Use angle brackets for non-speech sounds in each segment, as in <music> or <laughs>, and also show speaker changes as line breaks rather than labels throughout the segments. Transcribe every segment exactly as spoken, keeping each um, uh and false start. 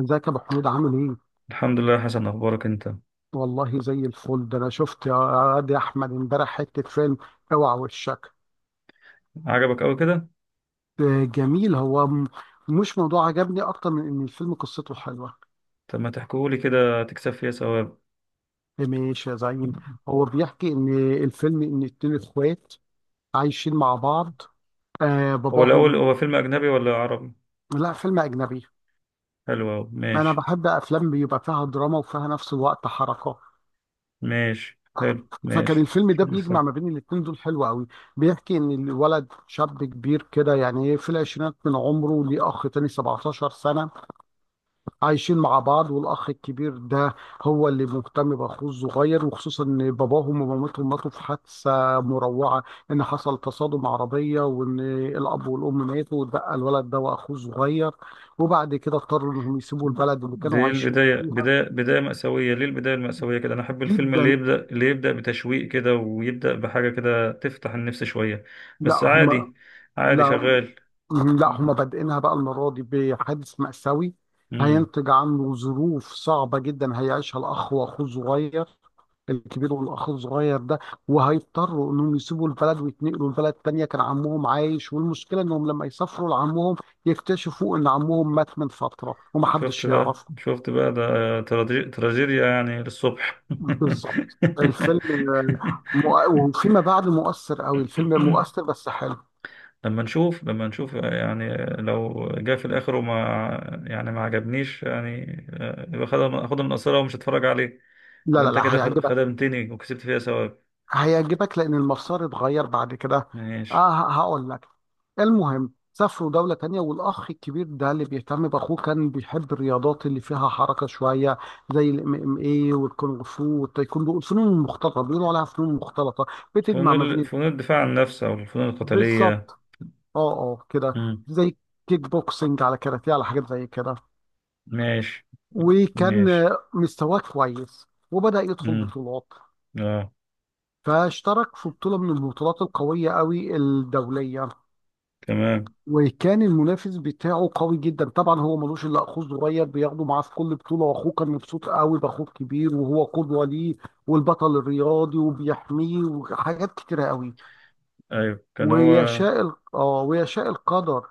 ازيك يا ابو حميد، عامل ايه؟
الحمد لله يا حسن، اخبارك انت؟
والله زي الفل. ده انا شفت يا واد يا احمد امبارح حته فيلم. اوعى وشك.
عجبك قوي كده؟
آه، جميل. هو م- مش موضوع عجبني اكتر من ان الفيلم قصته حلوه.
طب ما تحكيهولي كده تكسب فيها ثواب.
آه، ماشي يا زعيم. هو بيحكي ان الفيلم ان اتنين اخوات عايشين مع بعض، آه
هو الاول،
باباهم.
هو فيلم اجنبي ولا عربي؟
لا، فيلم اجنبي.
حلو أوي.
انا
ماشي.
بحب افلام بيبقى فيها دراما وفيها نفس الوقت حركه.
ماشي، حلو،
فكان
ماشي.
الفيلم ده
بس.
بيجمع ما بين الاتنين دول، حلو قوي. بيحكي ان الولد شاب كبير كده، يعني في العشرينات من عمره، ليه اخ تاني سبعتاشر سنة سنه، عايشين مع بعض، والاخ الكبير ده هو اللي مهتم باخوه الصغير، وخصوصا ان باباهم ومامتهم ماتوا في حادثه مروعه، ان حصل تصادم عربيه، وان الاب والام ماتوا واتبقى الولد ده واخوه الصغير، وبعد كده اضطروا انهم يسيبوا البلد اللي
دي
كانوا عايشين
البداية،
فيها.
بداية بداية مأساوية، ليه البداية المأساوية كده؟ أنا أحب الفيلم اللي
جدا.
يبدأ اللي يبدأ بتشويق كده، ويبدأ بحاجة كده تفتح النفس شوية.
لا
بس
هم.
عادي. عادي،
لا
شغال.
لا، هم بادئينها بقى المرة دي بحادث مأساوي،
مم.
هينتج عنه ظروف صعبة جدا هيعيشها الأخ وأخوه الصغير، الكبير والأخ الصغير ده، وهيضطروا إنهم يسيبوا البلد ويتنقلوا لبلد تانية كان عمهم عايش، والمشكلة إنهم لما يسافروا لعمهم يكتشفوا إن عمهم مات من فترة
شفت
ومحدش
بقى
يعرفه.
شفت بقى ده. تراجي- تراجيديا يعني للصبح.
بالظبط الفيلم، آه،
<laughs>
مؤ- وفيما بعد مؤثر قوي، الفيلم مؤثر بس حلو.
لما نشوف لما نشوف يعني، لو جه في الاخر وما يعني ما عجبنيش يعني. آه، يبقى خد- اخد من قصيرة ومش هتفرج عليه.
لا
يبقى
لا
انت
لا،
كده خد-
هيعجبك.
خدمتني وكسبت فيها ثواب.
هيعجبك لان المسار اتغير بعد كده.
ماشي.
اه، ه- هقول لك. المهم سافروا دولة تانية، والأخ الكبير ده اللي بيهتم بأخوه كان بيحب الرياضات اللي فيها حركة شوية، زي الام ام اي والكونغ فو والتايكوندو. الفنون المختلطة بيقولوا عليها فنون مختلطة،
فنون
بتجمع ما
ال-
بين.
فنون الدفاع عن النفس او الفنون القتالية.
بالظبط. اه اه كده،
مم.
زي كيك بوكسنج على كاراتيه على حاجات زي كده.
ماشي،
وكان
ماشي.
آه، مستواه كويس وبدأ يدخل
مم.
بطولات.
اه،
فاشترك في بطولة من البطولات القوية قوي الدولية،
تمام.
وكان المنافس بتاعه قوي جدا، طبعا هو ملوش الا اخوه الصغير بياخده معاه في كل بطوله، واخوه كان مبسوط قوي باخوه الكبير وهو قدوه ليه، والبطل الرياضي وبيحميه وحاجات كتيره قوي.
ايوه، كان هو.
ويشاء ال- اه ويشاء القدر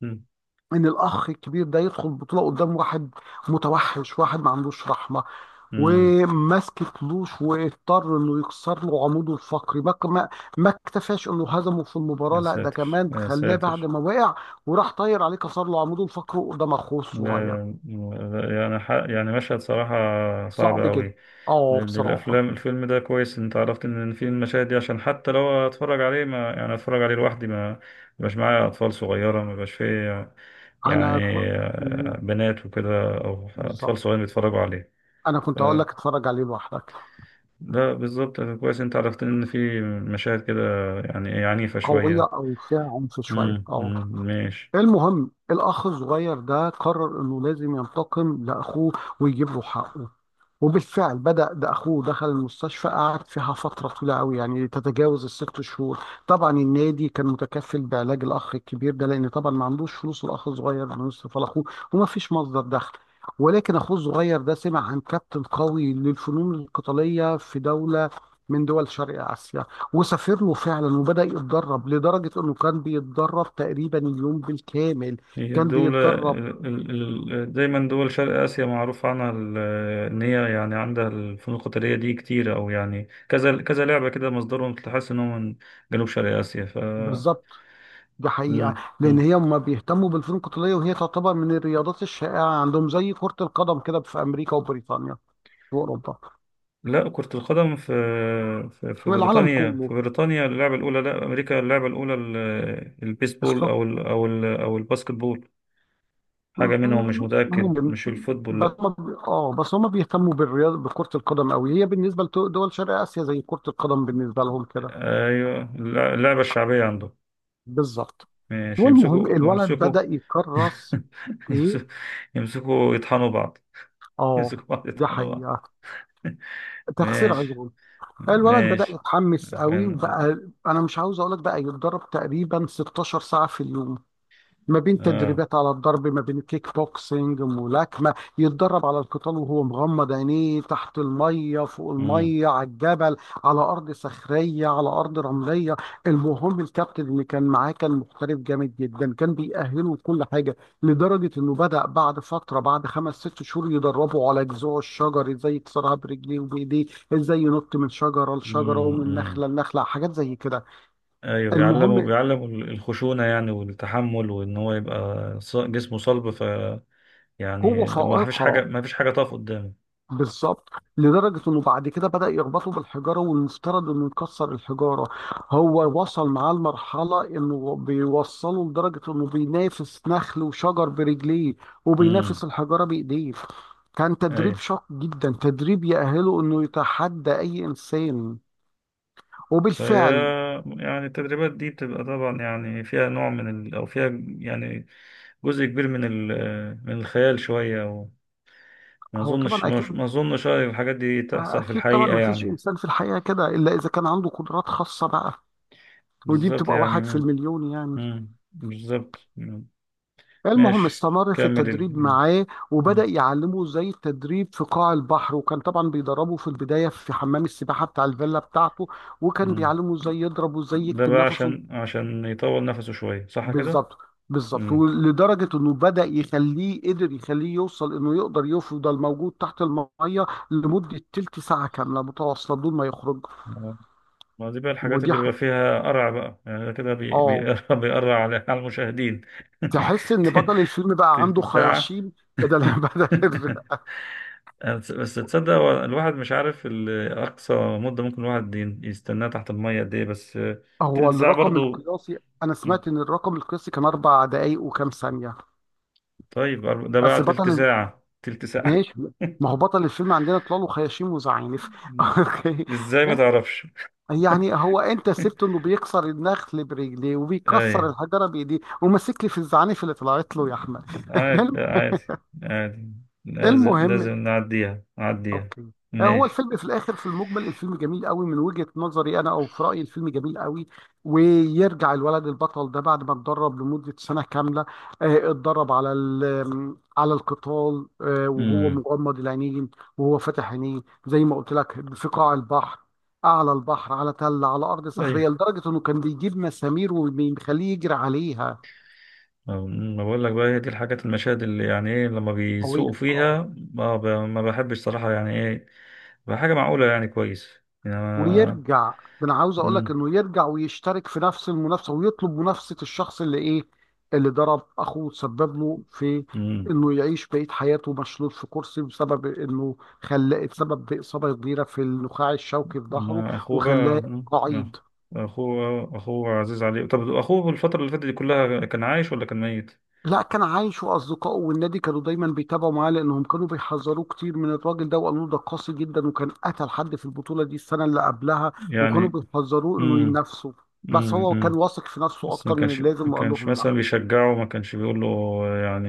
مم.
ان الاخ الكبير ده يدخل بطوله قدام واحد متوحش، واحد ما عندوش رحمه،
مم.
وماسك فلوس، واضطر انه يكسر له عموده الفقري. ما ما ما اكتفاش انه هزمه في المباراه،
يا
لا ده
ساتر،
كمان
يا
خلاه بعد
ساتر!
ما وقع وراح طاير عليه، كسر له عموده الفقري قدام اخوه الصغير.
لا- لا- يعني ح- يعني مشهد صراحة صعب
صعب جدا.
قوي.
اه،
لأن
بصراحه.
الأفلام الفيلم ده كويس إن أنت عرفت إن في المشاهد دي، عشان حتى لو أتفرج عليه، ما يعني أتفرج عليه لوحدي، ما مبقاش معايا أطفال صغيرة، ما بقاش فيه، يعني
انا ك- مم،
آه، بنات وكده، أو
بالظبط.
أطفال صغيرين بيتفرجوا عليه.
انا
ف-
كنت هقول لك اتفرج عليه لوحدك.
لا، بالظبط كويس إن أنت عرفت إن في مشاهد كده، يعني إيه، عنيفة
قويه
شوية.
او فيها عنف شويه،
امم
اه.
أمم، ماشي.
المهم الأخ الصغير ده قرر إنه لازم ينتقم لأخوه ويجيب له حقه، وبالفعل بدأ. ده أخوه دخل المستشفى قعد فيها فترة طويلة قوي، يعني تتجاوز الست شهور. طبعا النادي كان متكفل بعلاج الأخ الكبير ده، لأن طبعا ما عندوش فلوس الأخ الصغير إنه يصرف على أخوه، وما فيش مصدر دخل. ولكن أخوه الصغير ده سمع عن كابتن قوي للفنون القتالية في دولة من دول شرق آسيا، وسافر له فعلا وبدأ يتدرب، لدرجة إنه كان بيتدرب تقريبا اليوم بالكامل.
هي
كان
الدولة
بيتدرب.
ال- ال- ال- دايما، دول شرق آسيا معروف عنها ال- إن هي يعني عندها الفنون القتالية دي كتير، أو يعني كذا كذا لعبة كده، مصدرهم تحس إنهم من جنوب شرق آسيا ف
بالظبط، دي حقيقة.
مم.
لأن
مم.
هي ما بيهتموا بالفنون القتالية، وهي تعتبر من الرياضات الشائعة عندهم، زي كرة القدم كده في أمريكا وبريطانيا وأوروبا.
لا، كرة القدم في في في
في العالم
بريطانيا
كله.
في بريطانيا اللعبة الأولى. لا، أمريكا اللعبة الأولى. ال- البيسبول
الص-
أو ال أو ال أو الباسكت بول، حاجة منهم مش
م-
متأكد،
ممكن.
مش الفوتبول،
بس
لا.
هم اه بس هم بيهتموا بالرياضة بكرة القدم أوي، هي بالنسبة لدول شرق آسيا زي كرة القدم بالنسبة لهم كده.
أيوه، اللع- اللعبة الشعبية عندهم.
بالظبط.
مش
والمهم
يمسكوا،
الولد
يمسكوا.
بدأ يكرس.
<laughs>
إيه.
يمسكوا، يمسكوا يطحنوا بعض. <laughs>
اه،
يمسكوا بعض
دي
يطحنوا بعض.
حقيقة.
<laughs>
تخسير
ماشي،
عضله. الولد بدأ
ماشي.
يتحمس قوي
فاهم،
وبقى، انا مش عاوز اقول لك بقى يتدرب تقريبا 16 ساعة في اليوم، ما بين
اه.
تدريبات على الضرب، ما بين كيك بوكسينج ملاكمة، يتدرب على القتال وهو مغمض عينيه، تحت المية، فوق
مم.
المية، على الجبل، على أرض صخرية، على أرض رملية. المهم الكابتن اللي كان معاه كان محترف جامد جدا، كان بيأهله كل حاجة، لدرجة إنه بدأ بعد فترة، بعد خمس ست شهور، يدربه على جذوع الشجر إزاي يكسرها برجليه وبإيديه، إزاي ينط من شجرة لشجرة
مم.
ومن
مم.
نخلة لنخلة، حاجات زي كده.
ايوه، بيعلموا
المهم
بيعلموا الخشونه يعني، والتحمل، وان هو يبقى ص- جسمه صلب ف،
قوة
يعني ما فيش حاجه،
فائقة.
ما فيش حاجه تقف قدامه.
بالظبط، لدرجة انه بعد كده بدأ يربطه بالحجارة والمفترض انه يكسر الحجارة. هو وصل معاه لمرحلة انه بيوصله لدرجة انه بينافس نخل وشجر برجليه،
امم
وبينافس الحجارة بايديه. كان تدريب
ايوه.
شاق جدا، تدريب يأهله انه يتحدى اي انسان.
فهي
وبالفعل.
يعني التدريبات دي بتبقى طبعا يعني فيها نوع من ال... او فيها يعني جزء كبير من ال- من الخيال شوية، وما
هو
أظنش،
طبعا
ما
اكيد.
ما أظنش، أيوة، الحاجات دي تحصل في
اكيد طبعا،
الحقيقة
ما فيش
يعني.
انسان في الحقيقة كده الا اذا كان عنده قدرات خاصة بقى، ودي
بالظبط
بتبقى
يعني.
واحد في
مم.
المليون يعني.
مم. بالظبط. مم.
المهم
ماشي،
استمر في
كمل ال...
التدريب
مم.
معاه، وبدأ
مم.
يعلمه ازاي التدريب في قاع البحر، وكان طبعا بيدربه في البداية في حمام السباحة بتاع الفيلا بتاعته، وكان
مم.
بيعلمه ازاي يضرب وازاي
ده
يكتم
بقى
نفسه.
عشان عشان يطول نفسه شوية، صح كده؟
بالظبط. بالظبط،
مم.
ولدرجة انه بدأ يخليه قدر يخليه يوصل انه يقدر يفضل موجود تحت المية لمدة تلت ساعة كاملة متواصلة بدون ما يخرج.
ما دي بقى الحاجات
ودي
اللي
ح...
بيبقى فيها قرع بقى يعني، ده كده بي...
اه،
بيقرع. <laughs> بيقرع على على المشاهدين.
تحس ان بطل الفيلم
<laughs>
بقى
تلت
عنده
ساعة.
خياشيم. بدل <laughs>
<laughs>
بدل.
آه، بس بس تصدق؟ هو الواحد مش عارف ال-، أقصى مدة ممكن الواحد ي- يستناها تحت المية قد إيه، بس آه،
هو
تلت ساعة
الرقم
برضو.
القياسي. انا
مم.
سمعت ان الرقم القياسي كان اربع دقايق وكام ثانيه.
طيب أرب- ده بقى
بس بطل
تلت
ال-
ساعة، تلت ساعة.
ماشي. ما هو بطل الفيلم عندنا طلال وخياشيم وزعانف
<laughs>
<laughs>
مم.
اوكي.
إزاي ما
يعني،
تعرفش؟
يعني هو انت سبته انه
<laughs>
بيكسر النخل برجليه
أي،
وبيكسر الحجره بايديه، وماسك لي في الزعانف اللي طلعت له يا احمد <laughs>
عادي،
الم-
لا عادي، عادي. لازم، لازم
المهم
نعديها، نعديها.
اوكي. آه، هو
ماشي.
الفيلم في الاخر، في المجمل الفيلم جميل قوي من وجهة نظري انا، او في رايي الفيلم جميل قوي. ويرجع الولد البطل ده بعد ما اتدرب لمدة سنة كاملة، آه، اتدرب على ال- على القتال، آه، وهو
امم
مغمض العينين، وهو فاتح عينيه، زي ما قلت لك، في قاع البحر، اعلى البحر، على تل، على ارض صخريه، لدرجه انه كان بيجيب مسامير وبيخليه يجري عليها.
آه، ما بقول لك بقى، هي دي الحاجات، المشاهد اللي يعني ايه لما بيسوقوا
قويه.
فيها. ما, ب... ما بحبش صراحة، يعني ايه، بقى حاجة معقولة يعني كويس، يعني ما...
ويرجع، ده انا عاوز اقول لك
مم.
انه يرجع ويشترك في نفس المنافسه ويطلب منافسه الشخص اللي ايه، اللي ضرب اخوه وسبب له في
مم.
انه يعيش بقيه حياته مشلول في كرسي، بسبب انه خلاه اتسبب باصابه كبيره في النخاع الشوكي في ظهره،
ما اخوه بقى.
وخلاه
مم. ما
قعيد.
اخوه، اخوه عزيز عليه. طب اخوه الفترة اللي فاتت دي كلها كان عايش ولا كان ميت؟
لا، كان عايش واصدقائه والنادي كانوا دايما بيتابعوا معاه، لانهم كانوا بيحذروه كتير من الراجل ده، وقالوا له ده قاسي جدا، وكان قتل حد في البطوله دي السنه اللي قبلها. وكانوا
يعني.
بيحذروه انه
مم.
ينافسه. بس
مم.
هو كان
مم.
واثق في نفسه
بس ما
اكتر من
كانش ما
اللازم وقال
كانش
لهم لا.
مثلا بيشجعه، ما كانش بيقول له يعني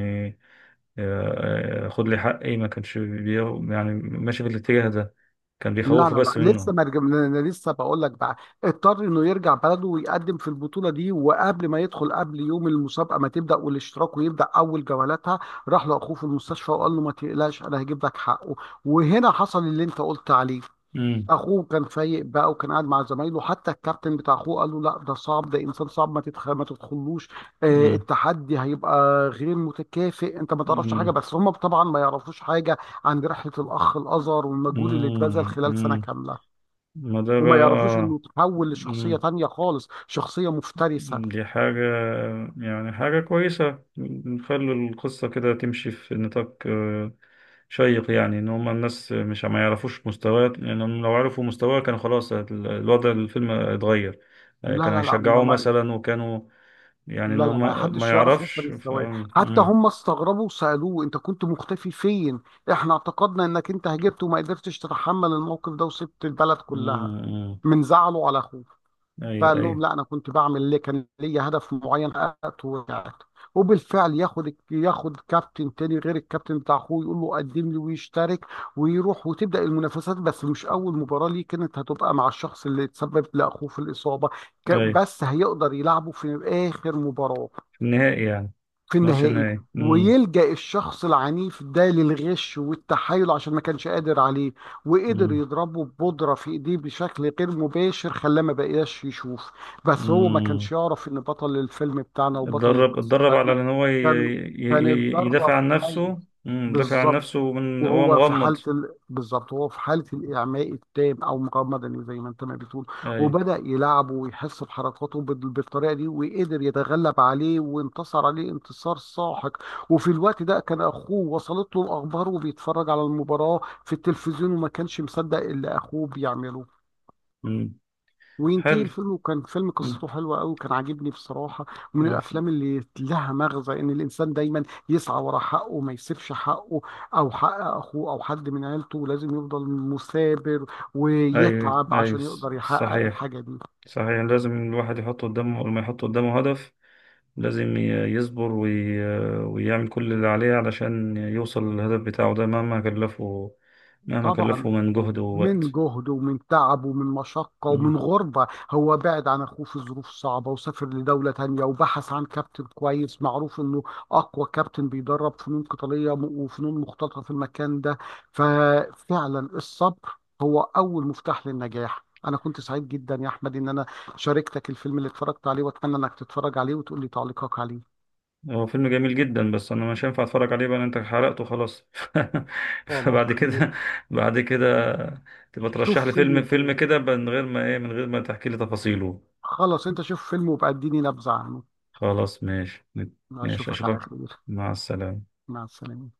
آه، خد لي حقي، ما كانش بي... يعني ماشي في الاتجاه ده، كان
لا
بيخوفه
لا
بس
لا، لسه
منه.
ما رجع- انا لسه بقول لك بقى. اضطر انه يرجع بلده ويقدم في البطوله دي، وقبل ما يدخل، قبل يوم المسابقه ما تبدا والاشتراك ويبدا اول جولاتها، راح لاخوه في المستشفى وقال له ما تقلقش، انا هجيب لك حقه. وهنا حصل اللي انت قلت عليه.
مم.
اخوه كان فايق بقى، وكان قاعد مع زمايله، حتى الكابتن بتاع اخوه قال له لا، ده صعب، ده انسان صعب، ما تدخل، ما تدخلوش، آه
مم.
التحدي هيبقى غير متكافئ، انت ما تعرفش حاجه.
مم.
بس هم طبعا ما يعرفوش حاجه عن رحله الاخ الازهر والمجهود اللي اتبذل
مم.
خلال سنه
مم.
كامله،
ما ده
وما
بقى
يعرفوش
آه.
انه تحول لشخصيه
مم.
تانية خالص، شخصيه مفترسه.
دي حاجة، يعني حاجة كويسة نخلي القصة كده تمشي في نطاق آه، شيق يعني، إن هما الناس مش ما يعرفوش مستواه، لأنهم لو عرفوا مستواه كان خلاص ال- الوضع الفيلم اتغير. آه،
لا
كانوا
لا لا، ما,
هيشجعوه
ما
مثلا، وكانوا يعني ان
لا
هو
لا، ما
ما ما
حدش يعرف نفسه من
يعرفش ف
السواق،
مم.
حتى
مم.
هم استغربوا وسألوه انت كنت مختفي فين، احنا اعتقدنا انك انت هجبت وما قدرتش تتحمل الموقف ده وسبت البلد كلها
مم.
من زعله على اخوه،
ايوه،
فقال لهم
ايوه،
لا، انا كنت بعمل ليه، كان ليا هدف معين حققته ورجعت. وبالفعل ياخد ياخد كابتن تاني غير الكابتن بتاع اخوه، يقول له قدم لي، ويشترك ويروح وتبدأ المنافسات، بس مش اول مباراة ليه كانت هتبقى مع الشخص اللي تسبب لاخوه في الإصابة، ك-
ايوه.
بس هيقدر يلعبه في اخر مباراة،
في النهائي يعني.
في
ماتش
النهائي.
النهائي. مم.
ويلجأ الشخص العنيف ده للغش والتحايل عشان ما كانش قادر عليه، وقدر
مم.
يضربه ببودرة في ايديه بشكل غير مباشر، خلاه ما بقاش يشوف. بس هو ما
مم.
كانش يعرف ان بطل الفيلم بتاعنا وبطل
اتدرب
القصة
اتدرب على
بتاعتنا
ان هو ي...
كان
ي...
كان
ي-
اتدرب
يدافع عن نفسه.
كويس.
مم. يدافع عن
بالظبط،
نفسه من هو
وهو في
مغمض.
حالة ال... بالظبط هو في حالة الإعماء التام أو مقاومة مدنية زي ما أنت ما بتقول.
ايوه.
وبدأ يلعبه ويحس بحركاته بال- بالطريقة دي، وقدر يتغلب عليه وانتصر عليه انتصار ساحق. وفي الوقت ده كان أخوه وصلت له الأخبار وبيتفرج على المباراة في التلفزيون، وما كانش مصدق اللي أخوه بيعمله.
مم.
وينتهي
حلو.
الفيلم، وكان فيلم
مم.
قصته حلوة أوي، كان عاجبني بصراحة. ومن
موافق.
الأفلام اللي لها مغزى إن الإنسان دايما يسعى ورا حقه، ما يسيبش حقه أو حق أخوه أو حد من عيلته، لازم يفضل مثابر
ايوه،
ويتعب
ايوه.
عشان يقدر يحقق
صحيح،
الحاجة دي.
صحيح. لازم الواحد يحط قدامه، لما يحط قدامه هدف، لازم ي- يصبر وي... ويعمل كل اللي عليه علشان يوصل للهدف بتاعه ده، مهما كلفه، مهما كلفه
طبعا،
من جهد
من
ووقت.
جهد ومن تعب ومن مشقة ومن
مم.
غربة، هو بعد عن أخوه في ظروف صعبة وسافر لدولة تانية وبحث عن كابتن كويس معروف إنه أقوى كابتن بيدرب فنون قتالية م- وفنون مختلطة في المكان ده. ففعلا الصبر هو أول مفتاح للنجاح. أنا كنت سعيد جدا يا أحمد إن أنا شاركتك الفيلم اللي اتفرجت عليه، وأتمنى إنك تتفرج عليه وتقول لي تعليقك عليه.
هو فيلم جميل جدا، بس انا مش هينفع اتفرج عليه بقى لأن انت حرقته خلاص. <laughs>
خلاص،
فبعد
خير.
كده، بعد كده تبقى ترشح
شوف
لي
فيلم
فيلم، فيلم
تاني.
كده ب- من غير ما ايه من غير ما تحكي لي تفاصيله.
خلاص، أنت شوف فيلم وبقى اديني نبذة عنه.
خلاص ماشي. ماشي،
أشوفك على
اشوفك.
خير.
مع السلامة.
مع السلامة.